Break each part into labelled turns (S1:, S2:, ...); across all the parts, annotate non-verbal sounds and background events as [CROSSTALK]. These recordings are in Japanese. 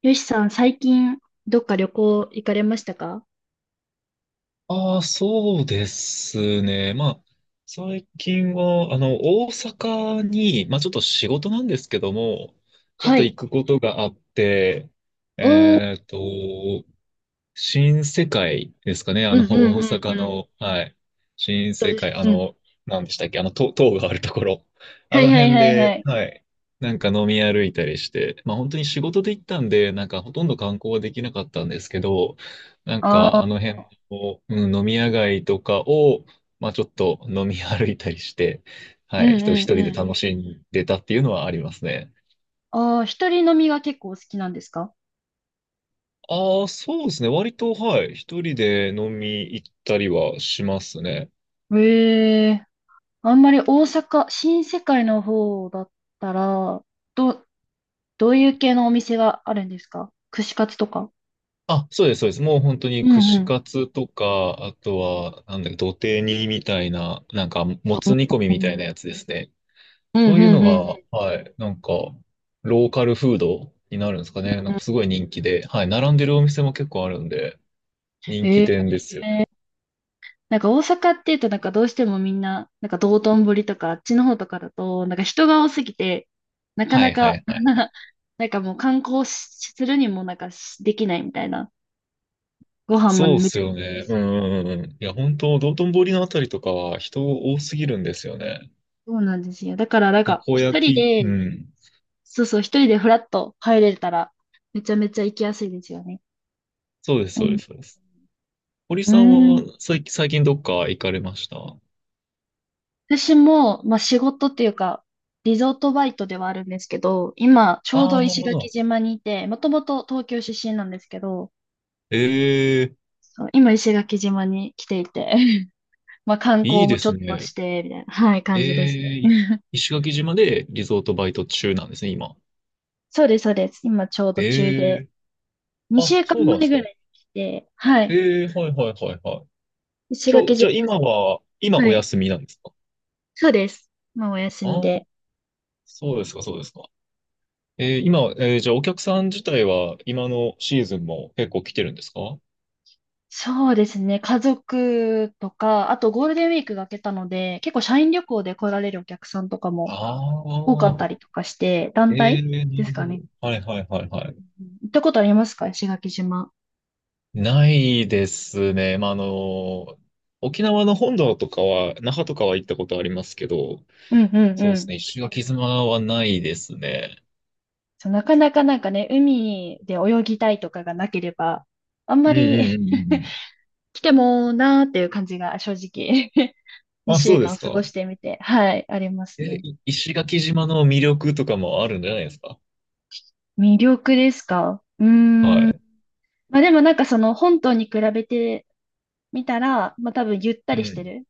S1: よしさん、最近、どっか旅行行かれましたか？
S2: ああ、そうですね。まあ、最近は、大阪に、まあ、ちょっと仕事なんですけども、ちょっ
S1: は
S2: と行
S1: い。
S2: くことがあって、
S1: おー、
S2: えっと、新世界ですかね、
S1: うんうん
S2: 大
S1: うんう
S2: 阪
S1: ん。
S2: の、はい。新
S1: どう
S2: 世
S1: でしょ
S2: 界、
S1: う？うん。
S2: 何でしたっけ、塔があるところ。あ
S1: はい
S2: の
S1: はい
S2: 辺
S1: はいは
S2: で、
S1: い。
S2: はい。なんか飲み歩いたりして、まあ本当に仕事で行ったんで、なんかほとんど観光はできなかったんですけど、なん
S1: あ
S2: か
S1: あ、
S2: あの辺を、うん、飲み屋街とかを、まあちょっと飲み歩いたりして、
S1: う
S2: はい、一
S1: ん
S2: 人一
S1: うん
S2: 人
S1: う
S2: で
S1: ん。
S2: 楽しんでたっていうのはありますね。
S1: ああ、一人飲みが結構好きなんですか？
S2: ああ、そうですね。割と、はい。一人で飲み行ったりはしますね。
S1: ええ。あんまり大阪、新世界の方だったら、ど、どういう系のお店があるんですか？串カツとか。
S2: あ、そうです、そうです。もう本当
S1: う
S2: に
S1: んう
S2: 串
S1: ん。
S2: カツとか、あとは、なんだっけ、土手煮みたいな、なんか、も
S1: うん
S2: つ煮込み
S1: う
S2: みたい
S1: ん
S2: なやつですね。
S1: うん
S2: そういう
S1: う
S2: の
S1: んう
S2: が、
S1: ん
S2: はい、なんか、ローカルフードになるんですかね。なんかす
S1: う
S2: ごい人気で、はい、並んでるお店も結構あるんで、人気
S1: ん。
S2: 店ですよね。
S1: ええ、なんか大阪っていうとなんかどうしてもみんな、なんか道頓堀とかあっちの方とかだと、なんか人が多すぎて、なか
S2: は
S1: な
S2: いは
S1: か
S2: いはい。
S1: [LAUGHS] なんかもう観光しするにもなんかしできないみたいな。ご飯も
S2: そうっ
S1: めち
S2: す
S1: ゃく
S2: よ
S1: ちゃで
S2: ね。う
S1: す。
S2: んうんうんうん。いや、本当道頓堀のあたりとかは人多すぎるんですよね。
S1: そうなんですよ。だからなん
S2: た
S1: か
S2: こ
S1: 一人
S2: 焼き、う
S1: で、
S2: ん。
S1: そうそう、一人でフラッと入れたら、めちゃめちゃ行きやすいですよね。
S2: そうです、
S1: う
S2: そう
S1: ん。
S2: です、そうです。堀
S1: う
S2: さんは
S1: ん、
S2: 最近どっか行かれました？
S1: 私も、まあ仕事っていうか、リゾートバイトではあるんですけど、今、ちょう
S2: あ
S1: ど
S2: あ、なる
S1: 石
S2: ほ
S1: 垣
S2: ど。
S1: 島にいて、もともと東京出身なんですけど、
S2: ええ、
S1: そう今、石垣島に来ていて、[LAUGHS] まあ観
S2: い
S1: 光
S2: い
S1: も
S2: で
S1: ちょっ
S2: す
S1: と
S2: ね。
S1: して、みたいな、はい、
S2: え
S1: 感じです
S2: え、
S1: ね。[LAUGHS]
S2: 石垣島でリゾートバイト中なんですね、今。
S1: そうです、そうです。今、ちょうど中
S2: え
S1: で、
S2: え、
S1: 2
S2: あ、
S1: 週間
S2: そうなんで
S1: 前
S2: すか。
S1: ぐらいに来て、はい、
S2: ええ、はいはいはいはい。
S1: 石
S2: 今日、
S1: 垣島、
S2: じゃあ今
S1: は
S2: お
S1: い、
S2: 休みなんですか？
S1: そうです。まあ、お休
S2: あ
S1: み
S2: あー、
S1: で。
S2: そうですか、そうですか。今、じゃあお客さん自体は今のシーズンも結構来てるんですか？
S1: そうですね、家族とか、あとゴールデンウィークが明けたので、結構社員旅行で来られるお客さんとかも
S2: ああ
S1: 多かっ
S2: ー、
S1: たりとかして、団
S2: ええ、
S1: 体
S2: な
S1: です
S2: るほ
S1: か
S2: ど。
S1: ね。
S2: はいはいはいはい。
S1: うん、行ったことありますか？石垣島。
S2: ないですね。まあ、沖縄の本土とかは、那覇とかは行ったことありますけど、
S1: うんうん
S2: そ
S1: う
S2: うです
S1: ん。
S2: ね。石垣島はないですね。
S1: そう、なかなかなんかね、海で泳ぎたいとかがなければ、あん
S2: う
S1: ま
S2: ん
S1: り
S2: うんう
S1: [LAUGHS]
S2: ん
S1: 来てもなーっていう感じが正直 [LAUGHS]
S2: うん。あ、
S1: 2
S2: そ
S1: 週
S2: うで
S1: 間
S2: す
S1: 過ご
S2: か。
S1: してみて、はい、ありますね。
S2: 石垣島の魅力とかもあるんじゃないですか。
S1: 魅力ですか？うー
S2: は
S1: ん。
S2: い。
S1: まあでもなんかその本島に比べてみたら、まあ多分ゆった
S2: う
S1: りして
S2: ん。
S1: る。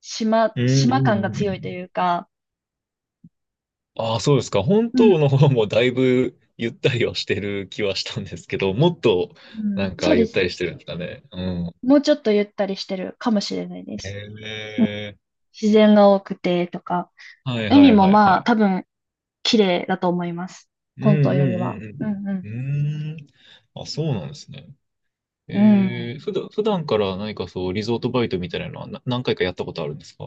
S1: 島、
S2: うんうんう
S1: 島感が
S2: んう
S1: 強いと
S2: ん。
S1: いうか、
S2: ああ、そうですか。本
S1: うん、
S2: 島の方もだいぶゆったりはしてる気はしたんですけど、もっと
S1: う
S2: な
S1: ん、
S2: ん
S1: そう
S2: か
S1: で
S2: ゆっ
S1: す
S2: たり
S1: ね。
S2: してるんですかね。うん。
S1: もうちょっとゆったりしてるかもしれないです。
S2: へ
S1: うん、
S2: え。
S1: 自然が多くてとか、
S2: はいは
S1: 海
S2: い
S1: も
S2: はいは
S1: まあ多
S2: い。
S1: 分綺麗だと思います。
S2: う
S1: 本当より
S2: ん
S1: は。うんうん。
S2: うんうんうんうん。うーん。あ、そうなんですね。
S1: うん、
S2: 普段から何かそう、リゾートバイトみたいなのは何回かやったことあるんですか？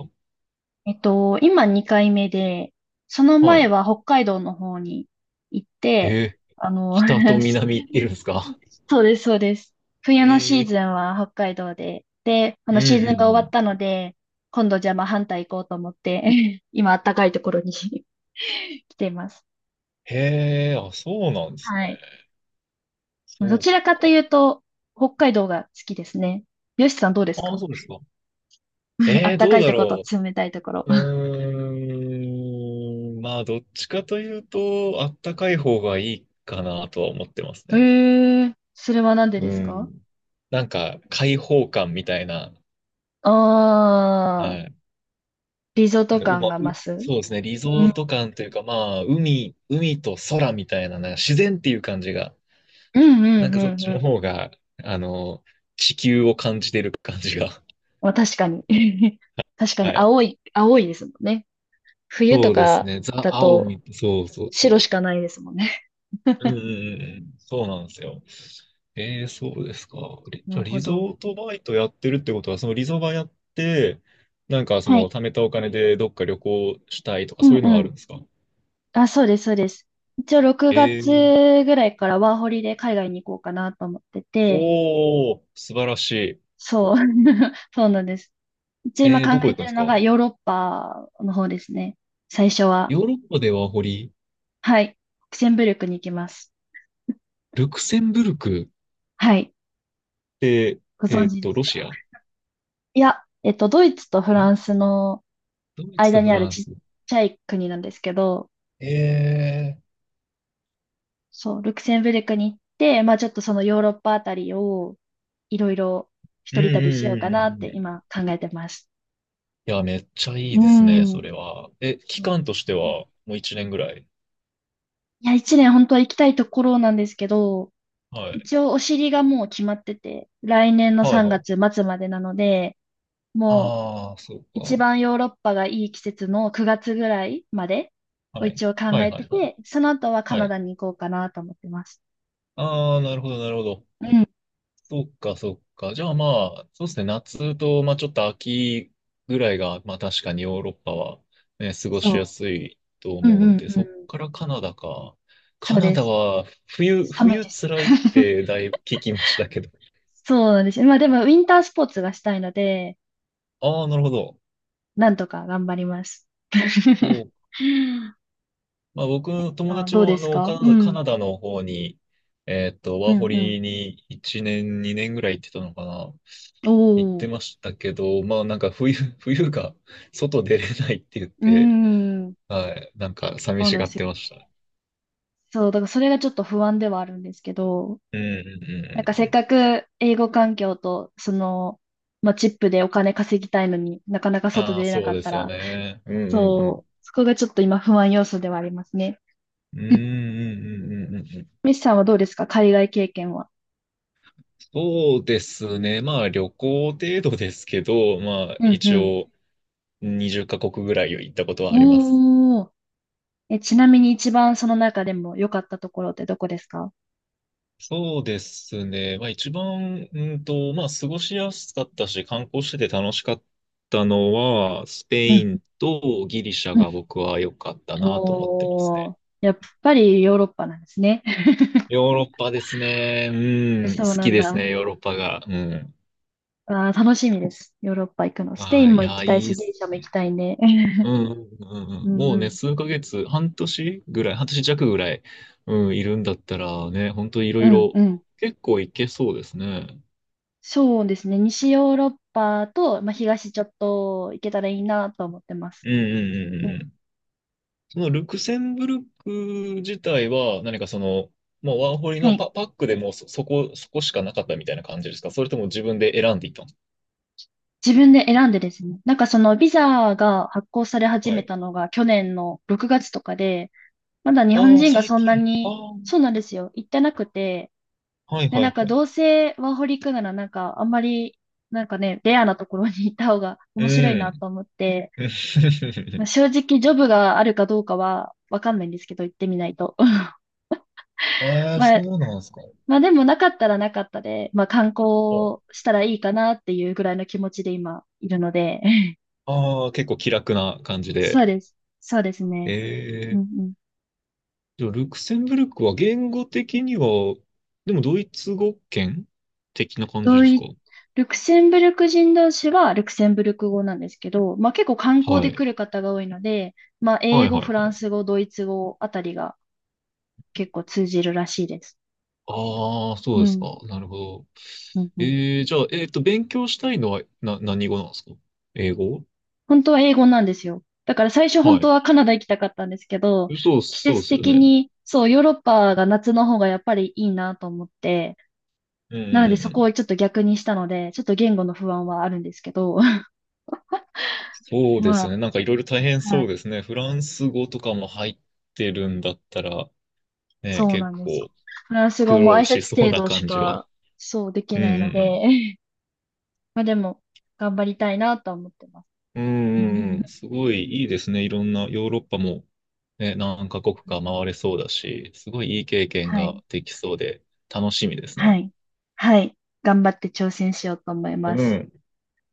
S1: 今2回目で、その
S2: は
S1: 前
S2: い。
S1: は北海道の方に行って、
S2: えー、
S1: あの、
S2: 北
S1: [LAUGHS]
S2: と南いるんですか？
S1: そうです、そうです。冬のシーズ
S2: え
S1: ンは北海道で、で、あのシーズン
S2: ー、うん
S1: が
S2: うんう
S1: 終わ
S2: ん。
S1: ったので、今度じゃあまあ反対行こうと思って、[LAUGHS] 今暖かいところに [LAUGHS] 来ています。
S2: へえ、あ、そうなんです
S1: は
S2: ね。
S1: い。ど
S2: そう
S1: ちらかとい
S2: か。
S1: うと、北海道が好きですね。よしさんどうです
S2: あ、
S1: か？
S2: そうですか。
S1: [LAUGHS] 暖
S2: ど
S1: か
S2: う
S1: い
S2: だ
S1: ところ
S2: ろ
S1: と冷たいところ。
S2: う。うーん、まあ、どっちかというと、あったかい方がいいかなとは思ってます
S1: え
S2: ね。
S1: え、それはなんで
S2: う
S1: ですか？
S2: ん。なんか、開放感みたいな、
S1: あ
S2: は
S1: あー、
S2: い。
S1: リゾート
S2: う
S1: 感
S2: ま、う、
S1: が増す。
S2: そうですね、リゾ
S1: うん、
S2: ート感というか、まあ、海と空みたいな、なんか自然っていう感じが、
S1: うん、う
S2: なん
S1: ん、
S2: かそっ
S1: うん。
S2: ち
S1: う
S2: の
S1: ん、
S2: 方が、あの、地球を感じてる感じが。
S1: まあ、確かに。[LAUGHS] 確か
S2: は
S1: に、
S2: い。
S1: 青い、青いですもんね。冬と
S2: そうです
S1: か
S2: ね、ザ・
S1: だ
S2: 青
S1: と、
S2: み、そうそうそ
S1: 白
S2: う。
S1: しかないですもんね。
S2: うんうんうんうん、そうなんですよ。そうですか。
S1: [LAUGHS] な
S2: じゃ
S1: る
S2: あ
S1: ほ
S2: リゾ
S1: ど。
S2: ートバイトやってるってことは、そのリゾバやって、なんかそ
S1: は
S2: の
S1: い。
S2: 貯めたお金でどっか旅行したいとか
S1: う
S2: そ
S1: ん
S2: ういうの
S1: う
S2: がある
S1: ん。
S2: んですか？
S1: あ、そうです、そうです。一応6
S2: え
S1: 月
S2: ー、
S1: ぐらいからワーホリで海外に行こうかなと思ってて、
S2: 素晴らし
S1: そう。[LAUGHS] そうなんです。一応
S2: い。
S1: 今考
S2: どこ
S1: え
S2: 行く
S1: て
S2: んで
S1: る
S2: す
S1: のが
S2: か？
S1: ヨーロッパの方ですね。最初は。
S2: ヨーロッパでは
S1: はい。ルクセンブルクに行きます。
S2: ルクセンブルクっ
S1: はい。
S2: て、
S1: ご存知です
S2: ロ
S1: か？
S2: シア
S1: いや、ドイツとフ
S2: え、
S1: ランスの
S2: ドイツと
S1: 間
S2: フ
S1: にあ
S2: ラ
S1: る
S2: ン
S1: ちっ
S2: ス。
S1: ちゃい国なんですけど、
S2: えー、
S1: そう、ルクセンブルクに行って、まあちょっとそのヨーロッパあたりをいろいろ
S2: う
S1: 一
S2: んう
S1: 人旅しようかなっ
S2: んうんう
S1: て
S2: ん。
S1: 今考えてます。
S2: いや、めっちゃいい
S1: う
S2: ですね、そ
S1: ん。
S2: れは。え、期間としては、もう一年ぐらい。
S1: いや、一年本当は行きたいところなんですけど、
S2: はい。
S1: 一応お尻がもう決まってて、来年の
S2: はい、
S1: 3
S2: は
S1: 月
S2: い。
S1: 末までなので、もう
S2: ああ、そう
S1: 一
S2: か。
S1: 番ヨーロッパがいい季節の9月ぐらいまでを
S2: はい。
S1: 一応考
S2: はい、
S1: え
S2: は
S1: て
S2: い、はい。
S1: て、その後はカ
S2: は
S1: ナ
S2: い。
S1: ダに行こうかなと思ってます。
S2: ああ、なるほど、なるほど。
S1: うん、
S2: そっか、そっか。じゃあまあ、そうですね、夏と、まあちょっと秋ぐらいが、まあ確かにヨーロッパは、ね、過ごしや
S1: そ
S2: すいと
S1: う。うんう
S2: 思うん
S1: ん
S2: で、
S1: う
S2: そっ
S1: ん。
S2: からカナダか。
S1: そ
S2: カ
S1: う
S2: ナ
S1: で
S2: ダ
S1: す。
S2: は、
S1: 寒い
S2: 冬
S1: です。
S2: 辛いっ
S1: [LAUGHS]
S2: てだいぶ聞きましたけど。
S1: そうなんですよ。まあでも、ウィンタースポーツがしたいので、
S2: ああ、なるほど。
S1: なんとか頑張ります。[LAUGHS]
S2: まあ、僕の友
S1: あ、
S2: 達
S1: どう
S2: も
S1: で
S2: あ
S1: す
S2: の
S1: か？う
S2: カ
S1: ん。
S2: ナダ、の方に、
S1: う
S2: ワーホ
S1: んう
S2: リに1年、2年ぐらい行ってたのかな。
S1: ん。
S2: 行っ
S1: おお。
S2: て
S1: う
S2: ましたけど、まあなんか冬、[LAUGHS] 冬が外出れないって言っ
S1: ー
S2: て、
S1: ん。
S2: はい、なんか寂
S1: そう
S2: し
S1: なんで
S2: がっ
S1: すよ。
S2: てましたね。
S1: そう、だからそれがちょっと不安ではあるんですけど、
S2: うんうんうん
S1: なんか
S2: うん
S1: せ
S2: う
S1: っ
S2: ん。
S1: かく英語環境と、その、まあ、チップでお金稼ぎたいのになかなか外
S2: ああ、
S1: 出れな
S2: そ
S1: か
S2: う
S1: っ
S2: で
S1: た
S2: すよ
S1: ら、
S2: ね。うんうんうん。
S1: そう、そこがちょっと今不安要素ではありますね。
S2: うんう
S1: うん、
S2: んうんうんうんうん。
S1: ミスさんはどうですか？海外経験は。
S2: そうですね。まあ旅行程度ですけど、まあ
S1: うんう
S2: 一
S1: ん。
S2: 応20カ国ぐらい行ったことはあります。
S1: おー。え、ちなみに一番その中でも良かったところってどこですか？
S2: そうですね。まあ一番、まあ過ごしやすかったし、観光してて楽しかったのは、スペ
S1: う
S2: イ
S1: ん
S2: ンとギリシャ
S1: う
S2: が
S1: ん、
S2: 僕は良かったなと思ってます
S1: お
S2: ね。
S1: ー。やっぱりヨーロッパなんですね。
S2: ヨーロッパですね。
S1: [LAUGHS]
S2: うん、
S1: そう
S2: 好
S1: な
S2: き
S1: ん
S2: です
S1: だ。
S2: ね、ヨーロッパが。うん。
S1: あー、楽しみです。ヨーロッパ行くの。スペイ
S2: は
S1: ン
S2: い、い
S1: も行き
S2: や、い
S1: たい
S2: い
S1: し、
S2: っ
S1: ギ
S2: す
S1: リシャも行き
S2: ね。
S1: たいね。
S2: う
S1: [LAUGHS]
S2: ん、うん、うん。
S1: うん
S2: も
S1: う
S2: うね、
S1: ん。
S2: 数ヶ月、半年ぐらい、半年弱ぐらい、うん、いるんだったらね、本当いろ
S1: う
S2: い
S1: ん
S2: ろ
S1: うん。
S2: 結構いけそうですね。
S1: そうですね。西ヨーロッパと、まあ、東ちょっと行けたらいいなと思ってます。
S2: うん、うん、う
S1: う
S2: ん、
S1: ん、
S2: うん。そのルクセンブルク自体は何かその、もうワンホリ
S1: は
S2: の
S1: い。
S2: パックでもうそこしかなかったみたいな感じですか？それとも自分で選んでいったんです
S1: 自分で選んでですね。なんかそのビザが発行され
S2: か？
S1: 始
S2: は
S1: め
S2: い。
S1: たのが去年の6月とかで、まだ日本
S2: ああ、
S1: 人が
S2: 最
S1: そんな
S2: 近。あ
S1: に、
S2: あ、
S1: そうなんですよ。行ってなくて、
S2: はい
S1: で、
S2: は
S1: なん
S2: い
S1: か
S2: はい。
S1: どうせワーホリ行くならなんかあんまり、なんかね、レアなところに行った方が [LAUGHS]
S2: う
S1: 面白いな
S2: ん。
S1: と思って、
S2: [LAUGHS] え
S1: まあ、正直ジョブがあるかどうかはわかんないんですけど、行ってみないと。[LAUGHS]
S2: え、
S1: ま
S2: そ
S1: あ、
S2: うなんですか。
S1: まあでもなかったらなかったで、まあ観
S2: はい。
S1: 光したらいいかなっていうぐらいの気持ちで今いるので、
S2: ああ、結構気楽な感じ
S1: [LAUGHS]
S2: で。
S1: そうです。そうです
S2: え
S1: ね。うんう
S2: え。
S1: ん。
S2: じゃあルクセンブルクは言語的には、でもドイツ語圏的な感じ
S1: ド
S2: です
S1: イ、
S2: か？
S1: ルクセンブルク人同士はルクセンブルク語なんですけど、まあ結構観光
S2: は
S1: で来
S2: い。
S1: る方が多いので、まあ
S2: は
S1: 英
S2: い
S1: 語、
S2: は
S1: フ
S2: い
S1: ラ
S2: は
S1: ン
S2: い。
S1: ス語、ドイツ語あたりが結構通じるらしいです。
S2: ああ、そう
S1: う
S2: です
S1: ん。
S2: か。なるほど。
S1: うんうん、
S2: じゃあ、勉強したいのは、何語なんですか？英語
S1: 本当は英語なんですよ。だから最初本
S2: は
S1: 当
S2: い。
S1: はカナダ行きたかったんですけど、
S2: そう、
S1: 季
S2: そうで
S1: 節
S2: すよ
S1: 的
S2: ね。
S1: に、そう、ヨーロッパが夏の方がやっぱりいいなと思って、
S2: うんう
S1: なの
S2: ん
S1: で
S2: うんう
S1: そこ
S2: ん。
S1: をちょっと逆にしたので、ちょっと言語の不安はあるんですけど、[LAUGHS]
S2: そうで
S1: ま
S2: すよ
S1: あ、
S2: ね。なんかいろいろ大変
S1: は
S2: そ
S1: い、
S2: うですね。フランス語とかも入ってるんだったら、ね、
S1: そう
S2: 結
S1: なんです。
S2: 構
S1: フランス
S2: 苦
S1: 語も挨
S2: 労し
S1: 拶
S2: そう
S1: 程
S2: な
S1: 度し
S2: 感じは。
S1: か、そうでき
S2: うん
S1: ないの
S2: う
S1: で、
S2: ん
S1: [LAUGHS] まあでも、頑張りたいなとは思ってます。
S2: うん。うんうんうん。
S1: [LAUGHS]
S2: すごいいいですね。いろんなヨーロッパも、ね、何カ国か回れそうだし、すごいいい経験
S1: はい、
S2: ができそうで楽しみです
S1: は
S2: ね。
S1: い、はい、頑張って挑戦しようと思いま
S2: う
S1: す。
S2: ん。